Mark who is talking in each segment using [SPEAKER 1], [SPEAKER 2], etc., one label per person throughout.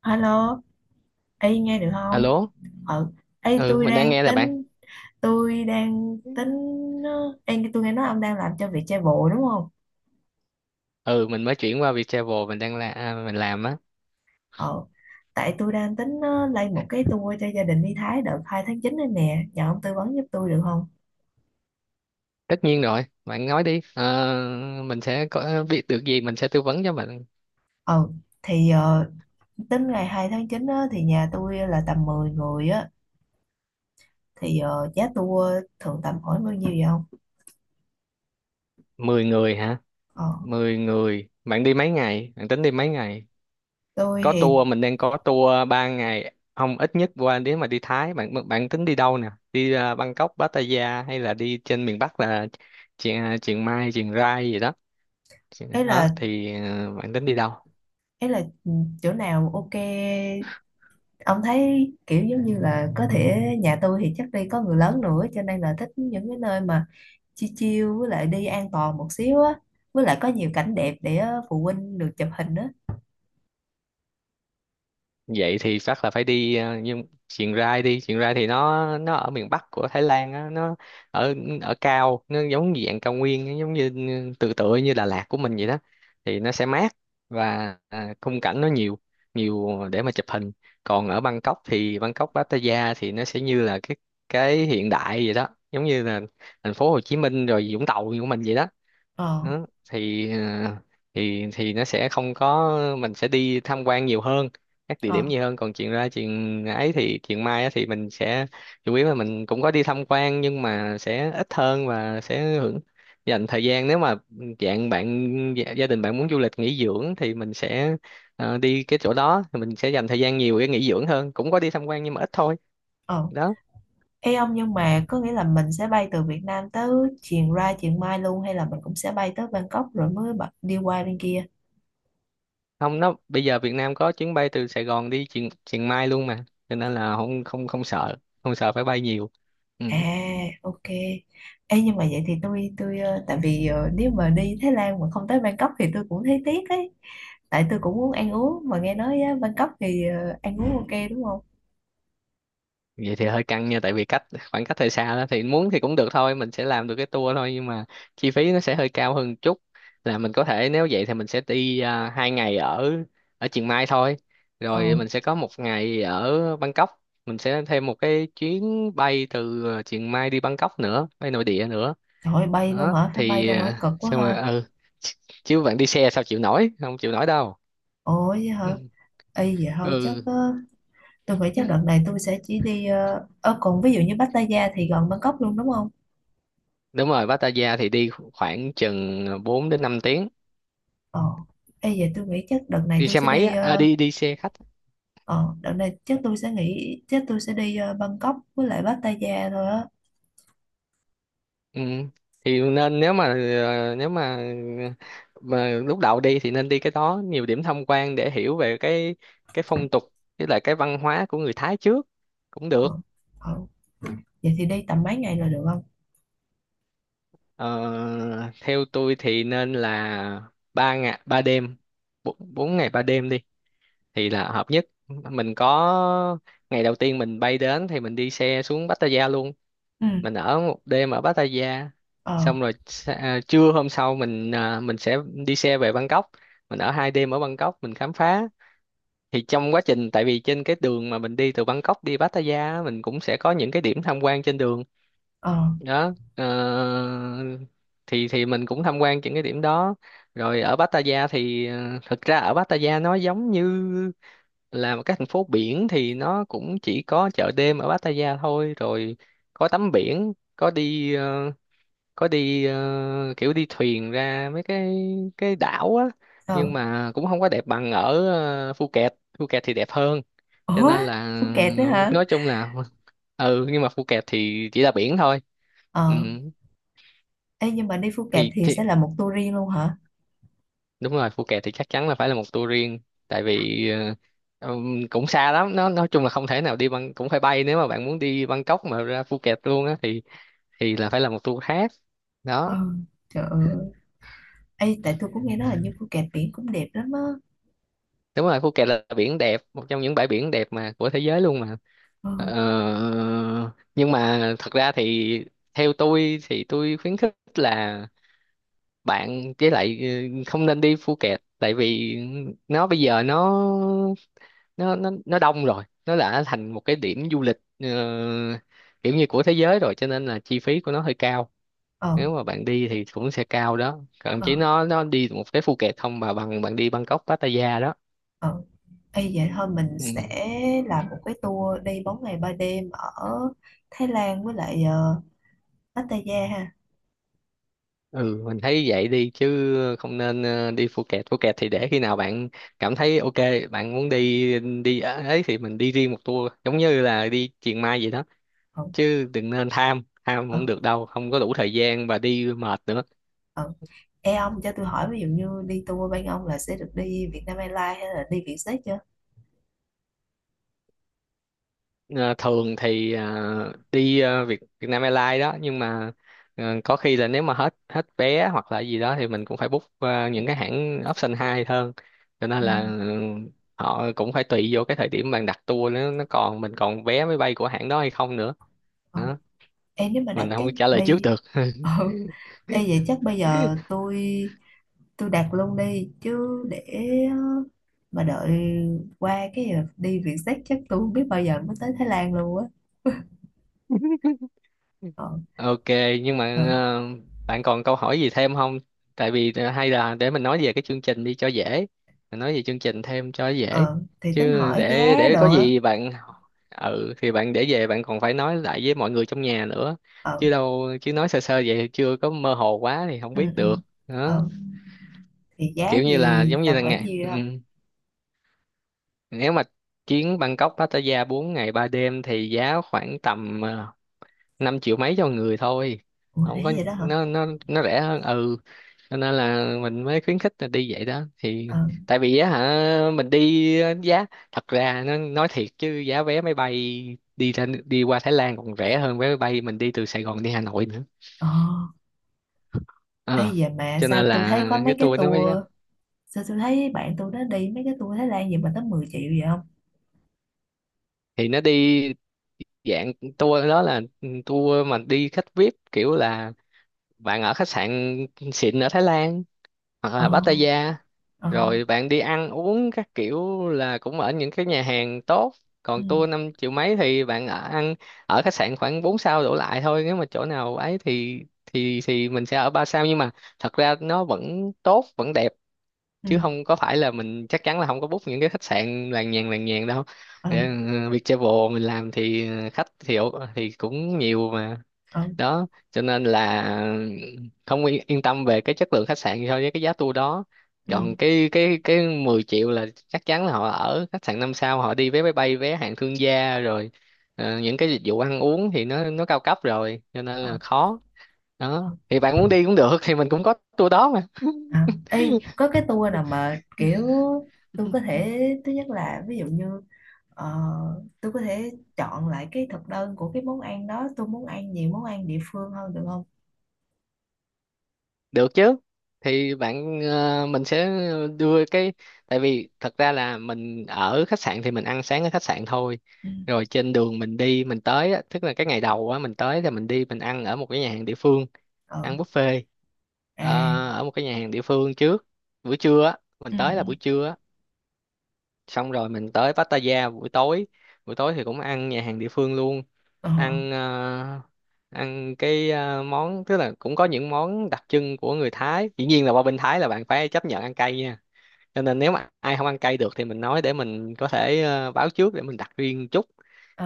[SPEAKER 1] Alo, y nghe được không?
[SPEAKER 2] Alo,
[SPEAKER 1] Ừ, ê
[SPEAKER 2] ừ
[SPEAKER 1] tôi
[SPEAKER 2] mình đang
[SPEAKER 1] đang
[SPEAKER 2] nghe nè bạn.
[SPEAKER 1] tính tôi đang
[SPEAKER 2] Ừ.
[SPEAKER 1] tính ờ, em tôi nghe nói ông đang làm cho việc chạy bộ đúng không?
[SPEAKER 2] Ừ mình mới chuyển qua Viettravel mình đang mình làm á.
[SPEAKER 1] Ờ, tại tôi đang tính lên một cái tour cho gia đình đi Thái đợt 2/9 này nè, nhờ ông tư vấn giúp tôi được không?
[SPEAKER 2] Tất nhiên rồi, bạn nói đi. Ờ, mình sẽ có biết được gì mình sẽ tư vấn cho bạn.
[SPEAKER 1] Ừ, thì tính ngày 2/9 á, thì nhà tôi là tầm 10 người á, thì giá tour thường tầm khoảng bao nhiêu vậy không?
[SPEAKER 2] 10 người hả?
[SPEAKER 1] Ờ,
[SPEAKER 2] 10 người. Bạn đi mấy ngày? Bạn tính đi mấy ngày?
[SPEAKER 1] tôi
[SPEAKER 2] Có
[SPEAKER 1] thì
[SPEAKER 2] tour Mình đang có tour 3 ngày. Không ít nhất qua nếu mà đi Thái bạn bạn tính đi đâu nè? Đi Bangkok, Pattaya hay là đi trên miền Bắc là Chiang Chiang Mai, Chiang Rai gì đó.
[SPEAKER 1] ấy
[SPEAKER 2] Đó
[SPEAKER 1] là
[SPEAKER 2] thì bạn tính đi đâu?
[SPEAKER 1] ấy là chỗ nào ok ông thấy kiểu giống như là có thể nhà tôi thì chắc đi có người lớn nữa cho nên là thích những cái nơi mà chill chill với lại đi an toàn một xíu á, với lại có nhiều cảnh đẹp để phụ huynh được chụp hình á.
[SPEAKER 2] Vậy thì chắc là phải đi nhưng Chiang Rai đi Chiang Rai thì nó ở miền Bắc của Thái Lan á, nó ở ở cao, nó giống như dạng cao nguyên, nó giống như tựa như Đà Lạt của mình vậy đó, thì nó sẽ mát và khung cảnh nó nhiều, nhiều để mà chụp hình. Còn ở Bangkok Pattaya thì nó sẽ như là cái hiện đại vậy đó, giống như là thành phố Hồ Chí Minh rồi Vũng Tàu của mình vậy đó.
[SPEAKER 1] Ờ.
[SPEAKER 2] Đó thì thì nó sẽ không có, mình sẽ đi tham quan nhiều hơn, các địa
[SPEAKER 1] Ờ.
[SPEAKER 2] điểm nhiều hơn, còn chuyện ra chuyện ấy thì chuyện mai á thì mình sẽ chủ yếu là mình cũng có đi tham quan nhưng mà sẽ ít hơn, và sẽ hưởng dành thời gian. Nếu mà dạng bạn gia gia đình bạn muốn du lịch nghỉ dưỡng thì mình sẽ đi cái chỗ đó, thì mình sẽ dành thời gian nhiều để nghỉ dưỡng hơn, cũng có đi tham quan nhưng mà ít thôi.
[SPEAKER 1] Ờ.
[SPEAKER 2] Đó.
[SPEAKER 1] Ê ông, nhưng mà có nghĩa là mình sẽ bay từ Việt Nam tới chiều ra chiều mai luôn, hay là mình cũng sẽ bay tới Bangkok rồi mới đi qua bên kia?
[SPEAKER 2] Không, nó bây giờ Việt Nam có chuyến bay từ Sài Gòn đi Chiang Chiang Mai luôn mà, cho nên là không, không, không sợ, không sợ phải bay nhiều. Ừ.
[SPEAKER 1] À, ok. Ê, nhưng mà vậy thì tôi tại vì nếu mà đi Thái Lan mà không tới Bangkok thì tôi cũng thấy tiếc ấy. Tại tôi cũng muốn ăn uống, mà nghe nói á, Bangkok thì ăn uống ok đúng không?
[SPEAKER 2] Vậy thì hơi căng nha, tại vì khoảng cách hơi xa đó, thì muốn thì cũng được thôi, mình sẽ làm được cái tour thôi, nhưng mà chi phí nó sẽ hơi cao hơn một chút. Là mình có thể, nếu vậy thì mình sẽ đi 2 ngày ở ở Chiang Mai thôi, rồi
[SPEAKER 1] Ờ,
[SPEAKER 2] mình sẽ có 1 ngày ở Bangkok, mình sẽ thêm một cái chuyến bay từ Chiang Mai đi Bangkok nữa, bay nội địa nữa.
[SPEAKER 1] trời ơi, bay luôn
[SPEAKER 2] Đó
[SPEAKER 1] hả? Phải bay
[SPEAKER 2] thì
[SPEAKER 1] luôn hả? Cực quá
[SPEAKER 2] xong rồi.
[SPEAKER 1] ha.
[SPEAKER 2] Ừ, chứ bạn đi xe sao chịu nổi, không chịu nổi đâu.
[SPEAKER 1] Ủa vậy hả? Ê, vậy thôi chắc
[SPEAKER 2] Ừ,
[SPEAKER 1] tôi nghĩ chắc đợt này tôi sẽ chỉ đi còn ví dụ như Pattaya thì gần Bangkok luôn đúng không?
[SPEAKER 2] đúng rồi, Pattaya thì đi khoảng chừng 4 đến 5 tiếng.
[SPEAKER 1] Ờ. Ê, vậy tôi nghĩ chắc đợt này
[SPEAKER 2] Đi
[SPEAKER 1] tôi
[SPEAKER 2] xe
[SPEAKER 1] sẽ
[SPEAKER 2] máy
[SPEAKER 1] đi.
[SPEAKER 2] á,
[SPEAKER 1] Ờ,
[SPEAKER 2] đi đi xe khách á.
[SPEAKER 1] Ờ, đợt này chắc tôi sẽ nghỉ, chắc tôi sẽ đi Bangkok với lại Pattaya thôi á.
[SPEAKER 2] Ừ. Nên nếu mà lúc đầu đi thì nên đi cái đó nhiều điểm tham quan để hiểu về cái phong tục với lại cái văn hóa của người Thái trước cũng
[SPEAKER 1] Ờ.
[SPEAKER 2] được.
[SPEAKER 1] Ờ. Vậy thì đi tầm mấy ngày là được không?
[SPEAKER 2] Ờ, Theo tôi thì nên là 3 ngày 3 đêm, bốn bốn ngày ba đêm đi thì là hợp nhất. Mình có ngày đầu tiên mình bay đến thì mình đi xe xuống Pattaya luôn,
[SPEAKER 1] Ừ.
[SPEAKER 2] mình ở 1 đêm ở Pattaya.
[SPEAKER 1] Ờ.
[SPEAKER 2] Xong rồi trưa hôm sau mình sẽ đi xe về Bangkok, mình ở 2 đêm ở Bangkok, mình khám phá. Thì trong quá trình, tại vì trên cái đường mà mình đi từ Bangkok đi Pattaya á, mình cũng sẽ có những cái điểm tham quan trên đường
[SPEAKER 1] Ờ.
[SPEAKER 2] đó. Ờ, thì mình cũng tham quan những cái điểm đó, rồi ở Pattaya thì thực ra ở Pattaya nó giống như là một cái thành phố biển, thì nó cũng chỉ có chợ đêm ở Pattaya thôi, rồi có tắm biển, kiểu đi thuyền ra mấy cái đảo á,
[SPEAKER 1] Ờ.
[SPEAKER 2] nhưng mà cũng không có đẹp bằng ở Phuket Phuket thì đẹp hơn, cho
[SPEAKER 1] Ủa,
[SPEAKER 2] nên là,
[SPEAKER 1] Phuket nữa hả?
[SPEAKER 2] nói chung là ừ, nhưng mà Phuket thì chỉ là biển thôi. Ừ.
[SPEAKER 1] Ờ, ê, nhưng mà đi Phuket
[SPEAKER 2] thì
[SPEAKER 1] thì
[SPEAKER 2] thì
[SPEAKER 1] sẽ là một tour riêng luôn hả?
[SPEAKER 2] đúng rồi, Phuket thì chắc chắn là phải là một tour riêng, tại vì cũng xa lắm, nó nói chung là không thể nào đi bằng, cũng phải bay, nếu mà bạn muốn đi Bangkok mà ra Phuket luôn á thì là phải là một tour khác. Đó.
[SPEAKER 1] Ờ, trời ơi. Ê, tại tôi cũng nghe nói là như Phuket biển cũng đẹp lắm á.
[SPEAKER 2] Đúng rồi, Phuket là biển đẹp, một trong những bãi biển đẹp mà của thế giới luôn mà.
[SPEAKER 1] Ờ.
[SPEAKER 2] Ờ, nhưng mà thật ra thì theo tôi thì tôi khuyến khích là bạn với lại không nên đi Phuket, tại vì nó bây giờ nó đông rồi, nó đã thành một cái điểm du lịch kiểu như của thế giới rồi, cho nên là chi phí của nó hơi cao.
[SPEAKER 1] Ờ.
[SPEAKER 2] Nếu mà bạn đi thì cũng sẽ cao đó, còn
[SPEAKER 1] Ờ.
[SPEAKER 2] chỉ nó đi một cái Phuket không mà bằng bạn đi Bangkok Pattaya đó.
[SPEAKER 1] Ờ. Ê, vậy thôi mình sẽ
[SPEAKER 2] Ừ.
[SPEAKER 1] làm một cái tour đi 4 ngày 3 đêm ở Thái Lan với lại Pattaya ha.
[SPEAKER 2] Ừ, mình thấy vậy đi chứ không nên đi Phuket Phuket thì để khi nào bạn cảm thấy ok, bạn muốn đi đi ấy thì mình đi riêng một tour, giống như là đi Chiang Mai vậy đó,
[SPEAKER 1] Ờ.
[SPEAKER 2] chứ đừng nên tham, tham
[SPEAKER 1] Ờ.
[SPEAKER 2] không được đâu, không có đủ thời gian và đi mệt nữa.
[SPEAKER 1] Ờ. Ê ông cho tôi hỏi, ví dụ như đi tour bên ông là sẽ được đi Vietnam Airlines hay là đi Vietjet chưa?
[SPEAKER 2] Ờ, Thường thì đi Việt Việt Nam Airlines đó, nhưng mà có khi là nếu mà hết hết vé hoặc là gì đó thì mình cũng phải book những cái hãng option 2 hơn, cho nên
[SPEAKER 1] Ừ.
[SPEAKER 2] là ừ, họ cũng phải tùy vô cái thời điểm bạn đặt tour, nó còn mình còn vé máy bay của hãng đó hay không nữa.
[SPEAKER 1] Ừ.
[SPEAKER 2] Đó.
[SPEAKER 1] Ê nếu mà đặt
[SPEAKER 2] Mình không
[SPEAKER 1] chắc
[SPEAKER 2] biết trả lời trước
[SPEAKER 1] bây.
[SPEAKER 2] được.
[SPEAKER 1] Ừ. Ê vậy chắc bây giờ tôi đặt luôn đi chứ, để ờ, mà đợi qua cái giờ đi Vietjet chắc tôi không biết bao giờ mới tới Thái Lan luôn á. Ờ.
[SPEAKER 2] Ok, nhưng
[SPEAKER 1] Ờ.
[SPEAKER 2] mà bạn còn câu hỏi gì thêm không? Tại vì hay là để mình nói về cái chương trình đi cho dễ. Mình nói về chương trình thêm cho dễ.
[SPEAKER 1] Ờ thì tính
[SPEAKER 2] Chứ
[SPEAKER 1] hỏi
[SPEAKER 2] để
[SPEAKER 1] giá
[SPEAKER 2] để có
[SPEAKER 1] đồ á.
[SPEAKER 2] gì bạn, ừ, thì bạn để về bạn còn phải nói lại với mọi người trong nhà nữa.
[SPEAKER 1] Ờ.
[SPEAKER 2] Chứ đâu, chứ nói sơ sơ vậy chưa, có mơ hồ quá thì không
[SPEAKER 1] Ừ.
[SPEAKER 2] biết
[SPEAKER 1] Ừ.
[SPEAKER 2] được. Đó,
[SPEAKER 1] Ờ thì giá
[SPEAKER 2] kiểu như là
[SPEAKER 1] thì
[SPEAKER 2] giống như
[SPEAKER 1] tầm
[SPEAKER 2] là
[SPEAKER 1] khoảng
[SPEAKER 2] ngày,
[SPEAKER 1] nhiêu
[SPEAKER 2] ừ.
[SPEAKER 1] không?
[SPEAKER 2] Ừ. Nếu mà chuyến Bangkok Pattaya 4 ngày 3 đêm thì giá khoảng tầm 5 triệu mấy cho người thôi.
[SPEAKER 1] Ủa
[SPEAKER 2] Không có,
[SPEAKER 1] nãy vậy đó hả?
[SPEAKER 2] nó rẻ hơn. Ừ, cho nên là mình mới khuyến khích là đi vậy đó thì.
[SPEAKER 1] Ờ.
[SPEAKER 2] Tại vì á hả, mình đi á, giá thật ra nó, nói thiệt chứ giá vé máy bay đi ra, đi qua Thái Lan còn rẻ hơn vé máy bay mình đi từ Sài Gòn đi Hà Nội nữa.
[SPEAKER 1] Ờ. Ê
[SPEAKER 2] Ờ.
[SPEAKER 1] vậy mà
[SPEAKER 2] Cho nên
[SPEAKER 1] sao tôi
[SPEAKER 2] là
[SPEAKER 1] thấy có mấy
[SPEAKER 2] cái
[SPEAKER 1] cái
[SPEAKER 2] tour nó mới.
[SPEAKER 1] tour. Sao tôi thấy bạn tôi nó đi mấy cái tour Thái Lan gì mà tới 10 triệu vậy không?
[SPEAKER 2] Thì nó đi dạng tour đó là tour mà đi khách VIP, kiểu là bạn ở khách sạn xịn ở Thái Lan hoặc
[SPEAKER 1] Ờ.
[SPEAKER 2] là Pattaya,
[SPEAKER 1] Ờ.
[SPEAKER 2] rồi bạn đi ăn uống các kiểu là cũng ở những cái nhà hàng tốt.
[SPEAKER 1] Ừ.
[SPEAKER 2] Còn tour 5 triệu mấy thì bạn ở ăn ở khách sạn khoảng 4 sao đổ lại thôi, nếu mà chỗ nào ấy thì mình sẽ ở 3 sao, nhưng mà thật ra nó vẫn tốt vẫn đẹp,
[SPEAKER 1] Ừ.
[SPEAKER 2] chứ không có phải là mình, chắc chắn là không có book những cái khách sạn làng nhàng đâu. Ừ,
[SPEAKER 1] Ừ.
[SPEAKER 2] Viettravel mình làm thì khách thì thì cũng nhiều mà.
[SPEAKER 1] Ừ.
[SPEAKER 2] Đó cho nên là không yên tâm về cái chất lượng khách sạn so với cái giá tour đó.
[SPEAKER 1] Ừ.
[SPEAKER 2] Còn cái 10 triệu là chắc chắn là họ ở khách sạn 5 sao, họ đi vé máy bay vé hạng thương gia rồi, những cái dịch vụ ăn uống thì nó cao cấp rồi, cho nên là
[SPEAKER 1] Ờ.
[SPEAKER 2] khó.
[SPEAKER 1] Ờ,
[SPEAKER 2] Đó thì bạn muốn đi cũng được, thì mình cũng có tour đó.
[SPEAKER 1] à. Ê có cái tour nào mà kiểu tôi có thể. Thứ nhất là ví dụ như ờ, tôi có thể chọn lại cái thực đơn của cái món ăn đó. Tôi muốn ăn nhiều món ăn địa phương hơn được không?
[SPEAKER 2] Được chứ. Thì mình sẽ đưa cái, tại vì thật ra là mình ở khách sạn thì mình ăn sáng ở khách sạn thôi.
[SPEAKER 1] Ừ.
[SPEAKER 2] Rồi trên đường mình đi mình tới á, tức là cái ngày đầu á, mình tới thì mình đi, mình ăn ở một cái nhà hàng địa phương, ăn
[SPEAKER 1] Ừ.
[SPEAKER 2] buffet ờ,
[SPEAKER 1] À.
[SPEAKER 2] ở một cái nhà hàng địa phương trước. Buổi trưa á, mình
[SPEAKER 1] Ừ.
[SPEAKER 2] tới là buổi trưa á, xong rồi mình tới Pattaya buổi tối, buổi tối thì cũng ăn nhà hàng địa phương luôn.
[SPEAKER 1] Ừ. Ờ.
[SPEAKER 2] Ăn ăn món, tức là cũng có những món đặc trưng của người Thái. Dĩ nhiên là qua bên Thái là bạn phải chấp nhận ăn cay nha, cho nên nếu mà ai không ăn cay được thì mình nói để mình có thể báo trước để mình đặt riêng chút.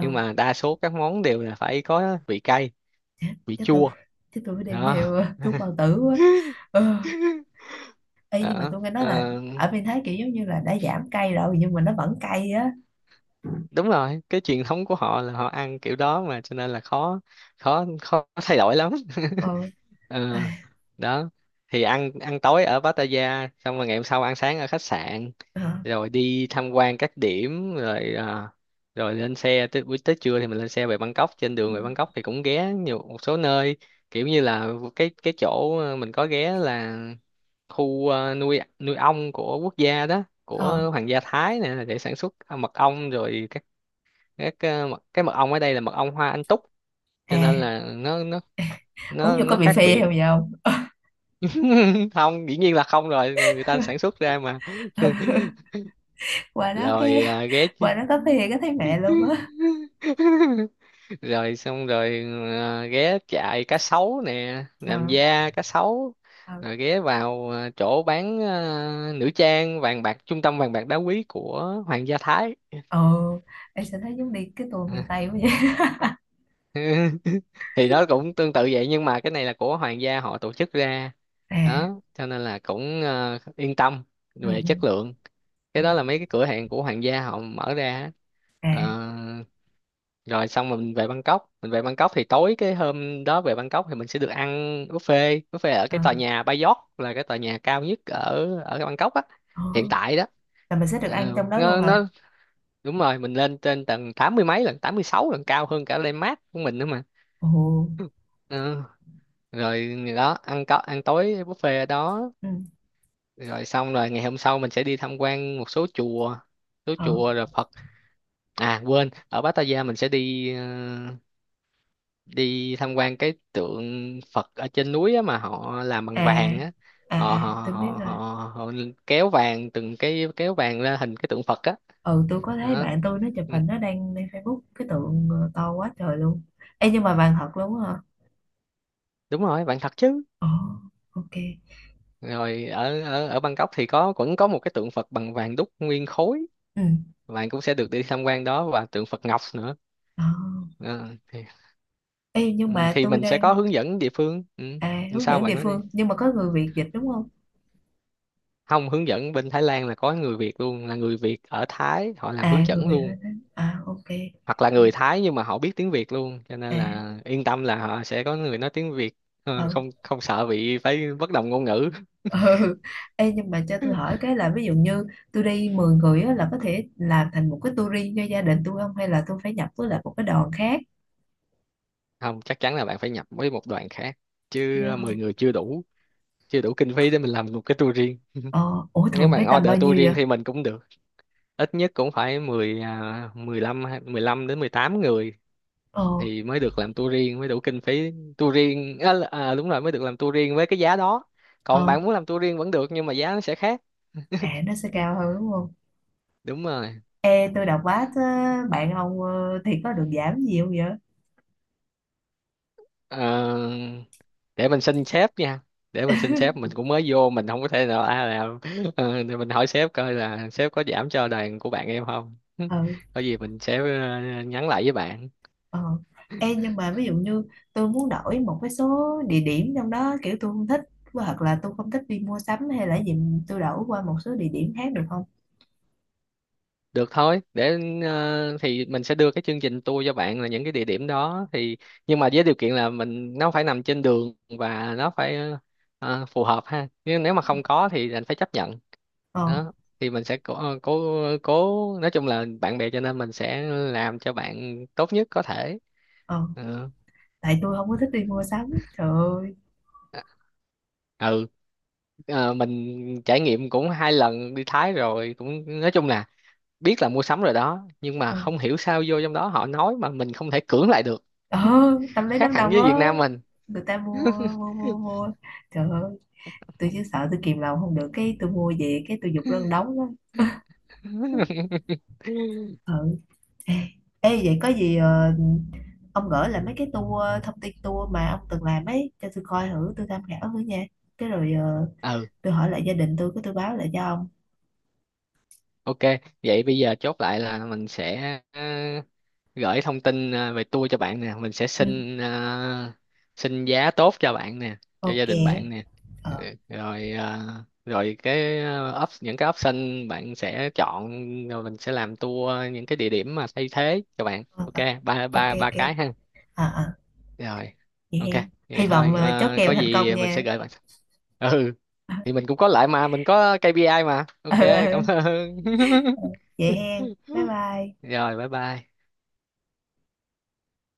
[SPEAKER 2] Nhưng mà đa số các món đều là phải có vị cay,
[SPEAKER 1] Chắc,
[SPEAKER 2] vị
[SPEAKER 1] chắc tôi
[SPEAKER 2] chua
[SPEAKER 1] Chắc tôi phải đem
[SPEAKER 2] đó.
[SPEAKER 1] theo thuốc bao tử quá. Ừ. Ê, nhưng mà
[SPEAKER 2] Đó.
[SPEAKER 1] tôi nghe nói
[SPEAKER 2] Ờ,
[SPEAKER 1] là ở bên Thái kiểu giống như là đã giảm cay rồi nhưng mà nó vẫn cay á.
[SPEAKER 2] đúng rồi, cái truyền thống của họ là họ ăn kiểu đó mà, cho nên là khó, khó thay đổi lắm.
[SPEAKER 1] Ờ.
[SPEAKER 2] Ờ,
[SPEAKER 1] À.
[SPEAKER 2] đó, thì ăn, ăn tối ở Pattaya xong rồi ngày hôm sau ăn sáng ở khách sạn,
[SPEAKER 1] Ờ.
[SPEAKER 2] rồi đi tham quan các điểm, rồi rồi lên xe tới buổi, tới trưa thì mình lên xe về Bangkok. Trên
[SPEAKER 1] Ừ.
[SPEAKER 2] đường về Bangkok thì cũng ghé nhiều, một số nơi, kiểu như là cái chỗ mình có ghé là khu nuôi nuôi ong của quốc gia đó,
[SPEAKER 1] Ờ.
[SPEAKER 2] của hoàng gia Thái nè, để sản xuất mật ong. Rồi cái mật ong ở đây là mật ong hoa anh túc, cho nên
[SPEAKER 1] À,
[SPEAKER 2] là nó
[SPEAKER 1] uống
[SPEAKER 2] nó
[SPEAKER 1] vô có
[SPEAKER 2] nó
[SPEAKER 1] bị
[SPEAKER 2] khác
[SPEAKER 1] phê
[SPEAKER 2] biệt.
[SPEAKER 1] không vậy không?
[SPEAKER 2] Không, dĩ nhiên là không rồi, người, người ta sản xuất ra mà.
[SPEAKER 1] qua đó
[SPEAKER 2] Rồi
[SPEAKER 1] cái
[SPEAKER 2] ghé chứ.
[SPEAKER 1] Qua đó có phê cái thấy mẹ luôn á.
[SPEAKER 2] Rồi xong rồi ghé chạy cá sấu nè,
[SPEAKER 1] Ờ.
[SPEAKER 2] làm da cá sấu,
[SPEAKER 1] Ờ.
[SPEAKER 2] rồi ghé vào chỗ bán nữ trang vàng bạc, trung tâm vàng bạc đá quý của Hoàng gia Thái.
[SPEAKER 1] Ờ. Em sẽ thấy giống đi cái tour miền
[SPEAKER 2] À,
[SPEAKER 1] Tây quá vậy.
[SPEAKER 2] thì nó cũng tương tự vậy nhưng mà cái này là của hoàng gia họ tổ chức ra
[SPEAKER 1] À.
[SPEAKER 2] đó, cho nên là cũng yên tâm
[SPEAKER 1] Ừ.
[SPEAKER 2] về
[SPEAKER 1] Ừ.
[SPEAKER 2] chất lượng. Cái
[SPEAKER 1] Ờ.
[SPEAKER 2] đó là mấy cái cửa hàng của hoàng gia họ mở ra á.
[SPEAKER 1] À.
[SPEAKER 2] Ờ, rồi xong mình về Bangkok, mình về Bangkok thì tối cái hôm đó về Bangkok thì mình sẽ được ăn buffet, buffet ở
[SPEAKER 1] Ờ.
[SPEAKER 2] cái tòa nhà Bayot, là cái tòa nhà cao nhất ở ở Bangkok á
[SPEAKER 1] Ờ.
[SPEAKER 2] hiện tại đó.
[SPEAKER 1] Là mình sẽ được
[SPEAKER 2] Ờ,
[SPEAKER 1] ăn trong đó luôn hả?
[SPEAKER 2] nó Đúng rồi, mình lên trên tầng tám mươi mấy, lần tám mươi sáu, lần cao hơn cả Landmark của mình nữa mà.
[SPEAKER 1] Ồ.
[SPEAKER 2] Ờ, rồi đó, ăn, có ăn tối buffet ở đó,
[SPEAKER 1] Ừ.
[SPEAKER 2] rồi xong rồi ngày hôm sau mình sẽ đi tham quan một số chùa,
[SPEAKER 1] Ờ.
[SPEAKER 2] rồi Phật, à quên, ở Pattaya mình sẽ đi đi tham quan cái tượng Phật ở trên núi á mà họ làm bằng
[SPEAKER 1] À.
[SPEAKER 2] vàng á.
[SPEAKER 1] À.
[SPEAKER 2] Họ
[SPEAKER 1] À.
[SPEAKER 2] họ
[SPEAKER 1] Tôi biết
[SPEAKER 2] họ họ,
[SPEAKER 1] rồi.
[SPEAKER 2] Họ kéo vàng, từng cái kéo vàng ra hình cái tượng Phật á
[SPEAKER 1] Ừ, tôi có thấy
[SPEAKER 2] đó.
[SPEAKER 1] bạn tôi nó chụp
[SPEAKER 2] Ừ,
[SPEAKER 1] hình nó đăng lên Facebook cái tượng to quá trời luôn. Ê nhưng mà vàng thật luôn á hả?
[SPEAKER 2] đúng rồi, vàng thật chứ.
[SPEAKER 1] Ồ. Ok.
[SPEAKER 2] Rồi ở ở ở Bangkok thì có, vẫn có một cái tượng Phật bằng vàng đúc nguyên khối,
[SPEAKER 1] Ừ.
[SPEAKER 2] bạn cũng sẽ được đi tham quan đó, và tượng Phật Ngọc nữa.
[SPEAKER 1] Ờ.
[SPEAKER 2] Ờ, thì,
[SPEAKER 1] Ê nhưng
[SPEAKER 2] ừ,
[SPEAKER 1] mà
[SPEAKER 2] thì
[SPEAKER 1] tôi
[SPEAKER 2] mình sẽ
[SPEAKER 1] đang.
[SPEAKER 2] có hướng dẫn địa phương, ừ.
[SPEAKER 1] À,
[SPEAKER 2] Nhưng
[SPEAKER 1] hướng
[SPEAKER 2] sao
[SPEAKER 1] dẫn địa
[SPEAKER 2] bạn nói đi.
[SPEAKER 1] phương nhưng mà có người Việt dịch đúng không?
[SPEAKER 2] Không, hướng dẫn bên Thái Lan là có người Việt luôn, là người Việt ở Thái họ làm hướng
[SPEAKER 1] À người
[SPEAKER 2] dẫn
[SPEAKER 1] Việt
[SPEAKER 2] luôn,
[SPEAKER 1] lên đó à, ok.
[SPEAKER 2] hoặc là người Thái nhưng mà họ biết tiếng Việt luôn, cho nên
[SPEAKER 1] À.
[SPEAKER 2] là yên tâm là họ sẽ có người nói tiếng Việt. Ờ,
[SPEAKER 1] Ừ.
[SPEAKER 2] không không sợ bị phải bất đồng ngôn ngữ.
[SPEAKER 1] Ừ. Ê nhưng mà cho tôi hỏi cái là, ví dụ như tôi đi 10 người á là có thể làm thành một cái tour cho gia đình tôi không, hay là tôi phải nhập với lại một cái đoàn khác?
[SPEAKER 2] Không, chắc chắn là bạn phải nhập với một đoàn khác chứ,
[SPEAKER 1] Dạ.
[SPEAKER 2] 10 người chưa đủ, chưa đủ kinh phí để mình làm một cái tour riêng.
[SPEAKER 1] Ờ, ủa
[SPEAKER 2] Nếu
[SPEAKER 1] thường
[SPEAKER 2] mà
[SPEAKER 1] phải tầm
[SPEAKER 2] order
[SPEAKER 1] bao
[SPEAKER 2] tour
[SPEAKER 1] nhiêu
[SPEAKER 2] riêng
[SPEAKER 1] vậy?
[SPEAKER 2] thì mình cũng được, ít nhất cũng phải 10 15 hay- 15 đến 18 người
[SPEAKER 1] Ờ.
[SPEAKER 2] thì mới được làm tour riêng, mới đủ kinh phí. Tour riêng đúng rồi, mới được làm tour riêng với cái giá đó,
[SPEAKER 1] Ờ.
[SPEAKER 2] còn bạn muốn làm tour riêng vẫn được nhưng mà giá nó sẽ khác.
[SPEAKER 1] À nó sẽ cao hơn đúng không?
[SPEAKER 2] Đúng rồi.
[SPEAKER 1] Ê tôi đọc báo thế, bạn ông thì có được giảm gì không vậy?
[SPEAKER 2] Ờ, để mình xin sếp nha, để mình xin sếp, mình cũng mới vô mình không có thể nào làm. Ờ, thì mình hỏi sếp coi là sếp có giảm cho đoàn của bạn em không.
[SPEAKER 1] Ừ.
[SPEAKER 2] Có gì mình sẽ nhắn lại với bạn.
[SPEAKER 1] Ờ. Ê nhưng mà ví dụ như tôi muốn đổi một cái số địa điểm trong đó, kiểu tôi không thích hoặc là tôi không thích đi mua sắm hay là gì, tôi đổi qua một số địa điểm khác được không?
[SPEAKER 2] Được thôi, để thì mình sẽ đưa cái chương trình tour cho bạn là những cái địa điểm đó thì, nhưng mà với điều kiện là mình, nó phải nằm trên đường và nó phải phù hợp ha. Nhưng nếu mà không có thì anh phải chấp nhận.
[SPEAKER 1] Ờ.
[SPEAKER 2] Đó, thì mình sẽ cố, ờ, cố cố, nói chung là bạn bè cho nên mình sẽ làm cho bạn tốt nhất có thể.
[SPEAKER 1] Ờ.
[SPEAKER 2] Ừ.
[SPEAKER 1] Tại tôi không có thích đi mua sắm. Trời ơi.
[SPEAKER 2] Ừ. Ờ, mình trải nghiệm cũng 2 lần đi Thái rồi, cũng nói chung là biết là mua sắm rồi đó, nhưng mà
[SPEAKER 1] Ừ.
[SPEAKER 2] không hiểu sao vô trong đó họ nói mà mình không thể cưỡng lại được.
[SPEAKER 1] Ờ. Tâm lý
[SPEAKER 2] Khác
[SPEAKER 1] đám
[SPEAKER 2] hẳn
[SPEAKER 1] đông
[SPEAKER 2] với Việt
[SPEAKER 1] đó.
[SPEAKER 2] Nam mình.
[SPEAKER 1] Người ta mua mua mua mua. Trời ơi, tôi chỉ sợ tôi kìm lòng không được cái tôi mua về cái tôi giục lân đóng đó. Ừ. Ê, ê, vậy có gì ông gửi lại mấy cái tour, thông tin tour mà ông từng làm ấy cho tôi coi thử, tôi tham khảo thử nha. Cái rồi
[SPEAKER 2] Ừ.
[SPEAKER 1] tôi hỏi lại gia đình tôi cái tôi báo lại cho ông.
[SPEAKER 2] Ok, vậy bây giờ chốt lại là mình sẽ gửi thông tin về tour cho bạn nè, mình sẽ
[SPEAKER 1] Ừ,
[SPEAKER 2] xin xin giá tốt cho bạn nè, cho gia
[SPEAKER 1] ok.
[SPEAKER 2] đình bạn nè. Ừ,
[SPEAKER 1] Ờ.
[SPEAKER 2] rồi rồi những cái option bạn sẽ chọn, rồi mình sẽ làm tour những cái địa điểm mà thay thế cho bạn,
[SPEAKER 1] Ờ.
[SPEAKER 2] ok
[SPEAKER 1] Ờ.
[SPEAKER 2] ba
[SPEAKER 1] Ok
[SPEAKER 2] ba ba
[SPEAKER 1] ok.
[SPEAKER 2] cái ha.
[SPEAKER 1] À. À.
[SPEAKER 2] Rồi.
[SPEAKER 1] Vậy
[SPEAKER 2] Ok,
[SPEAKER 1] hen,
[SPEAKER 2] vậy
[SPEAKER 1] hy vọng
[SPEAKER 2] thôi,
[SPEAKER 1] chốt
[SPEAKER 2] có
[SPEAKER 1] kèo thành công
[SPEAKER 2] gì mình sẽ
[SPEAKER 1] nha.
[SPEAKER 2] gửi bạn. Ừ, thì mình cũng có lại mà, mình có KPI mà.
[SPEAKER 1] Ừ,
[SPEAKER 2] Ok, cảm
[SPEAKER 1] ừ.
[SPEAKER 2] ơn.
[SPEAKER 1] Ờ, vậy hen bye bye.
[SPEAKER 2] Rồi, bye bye.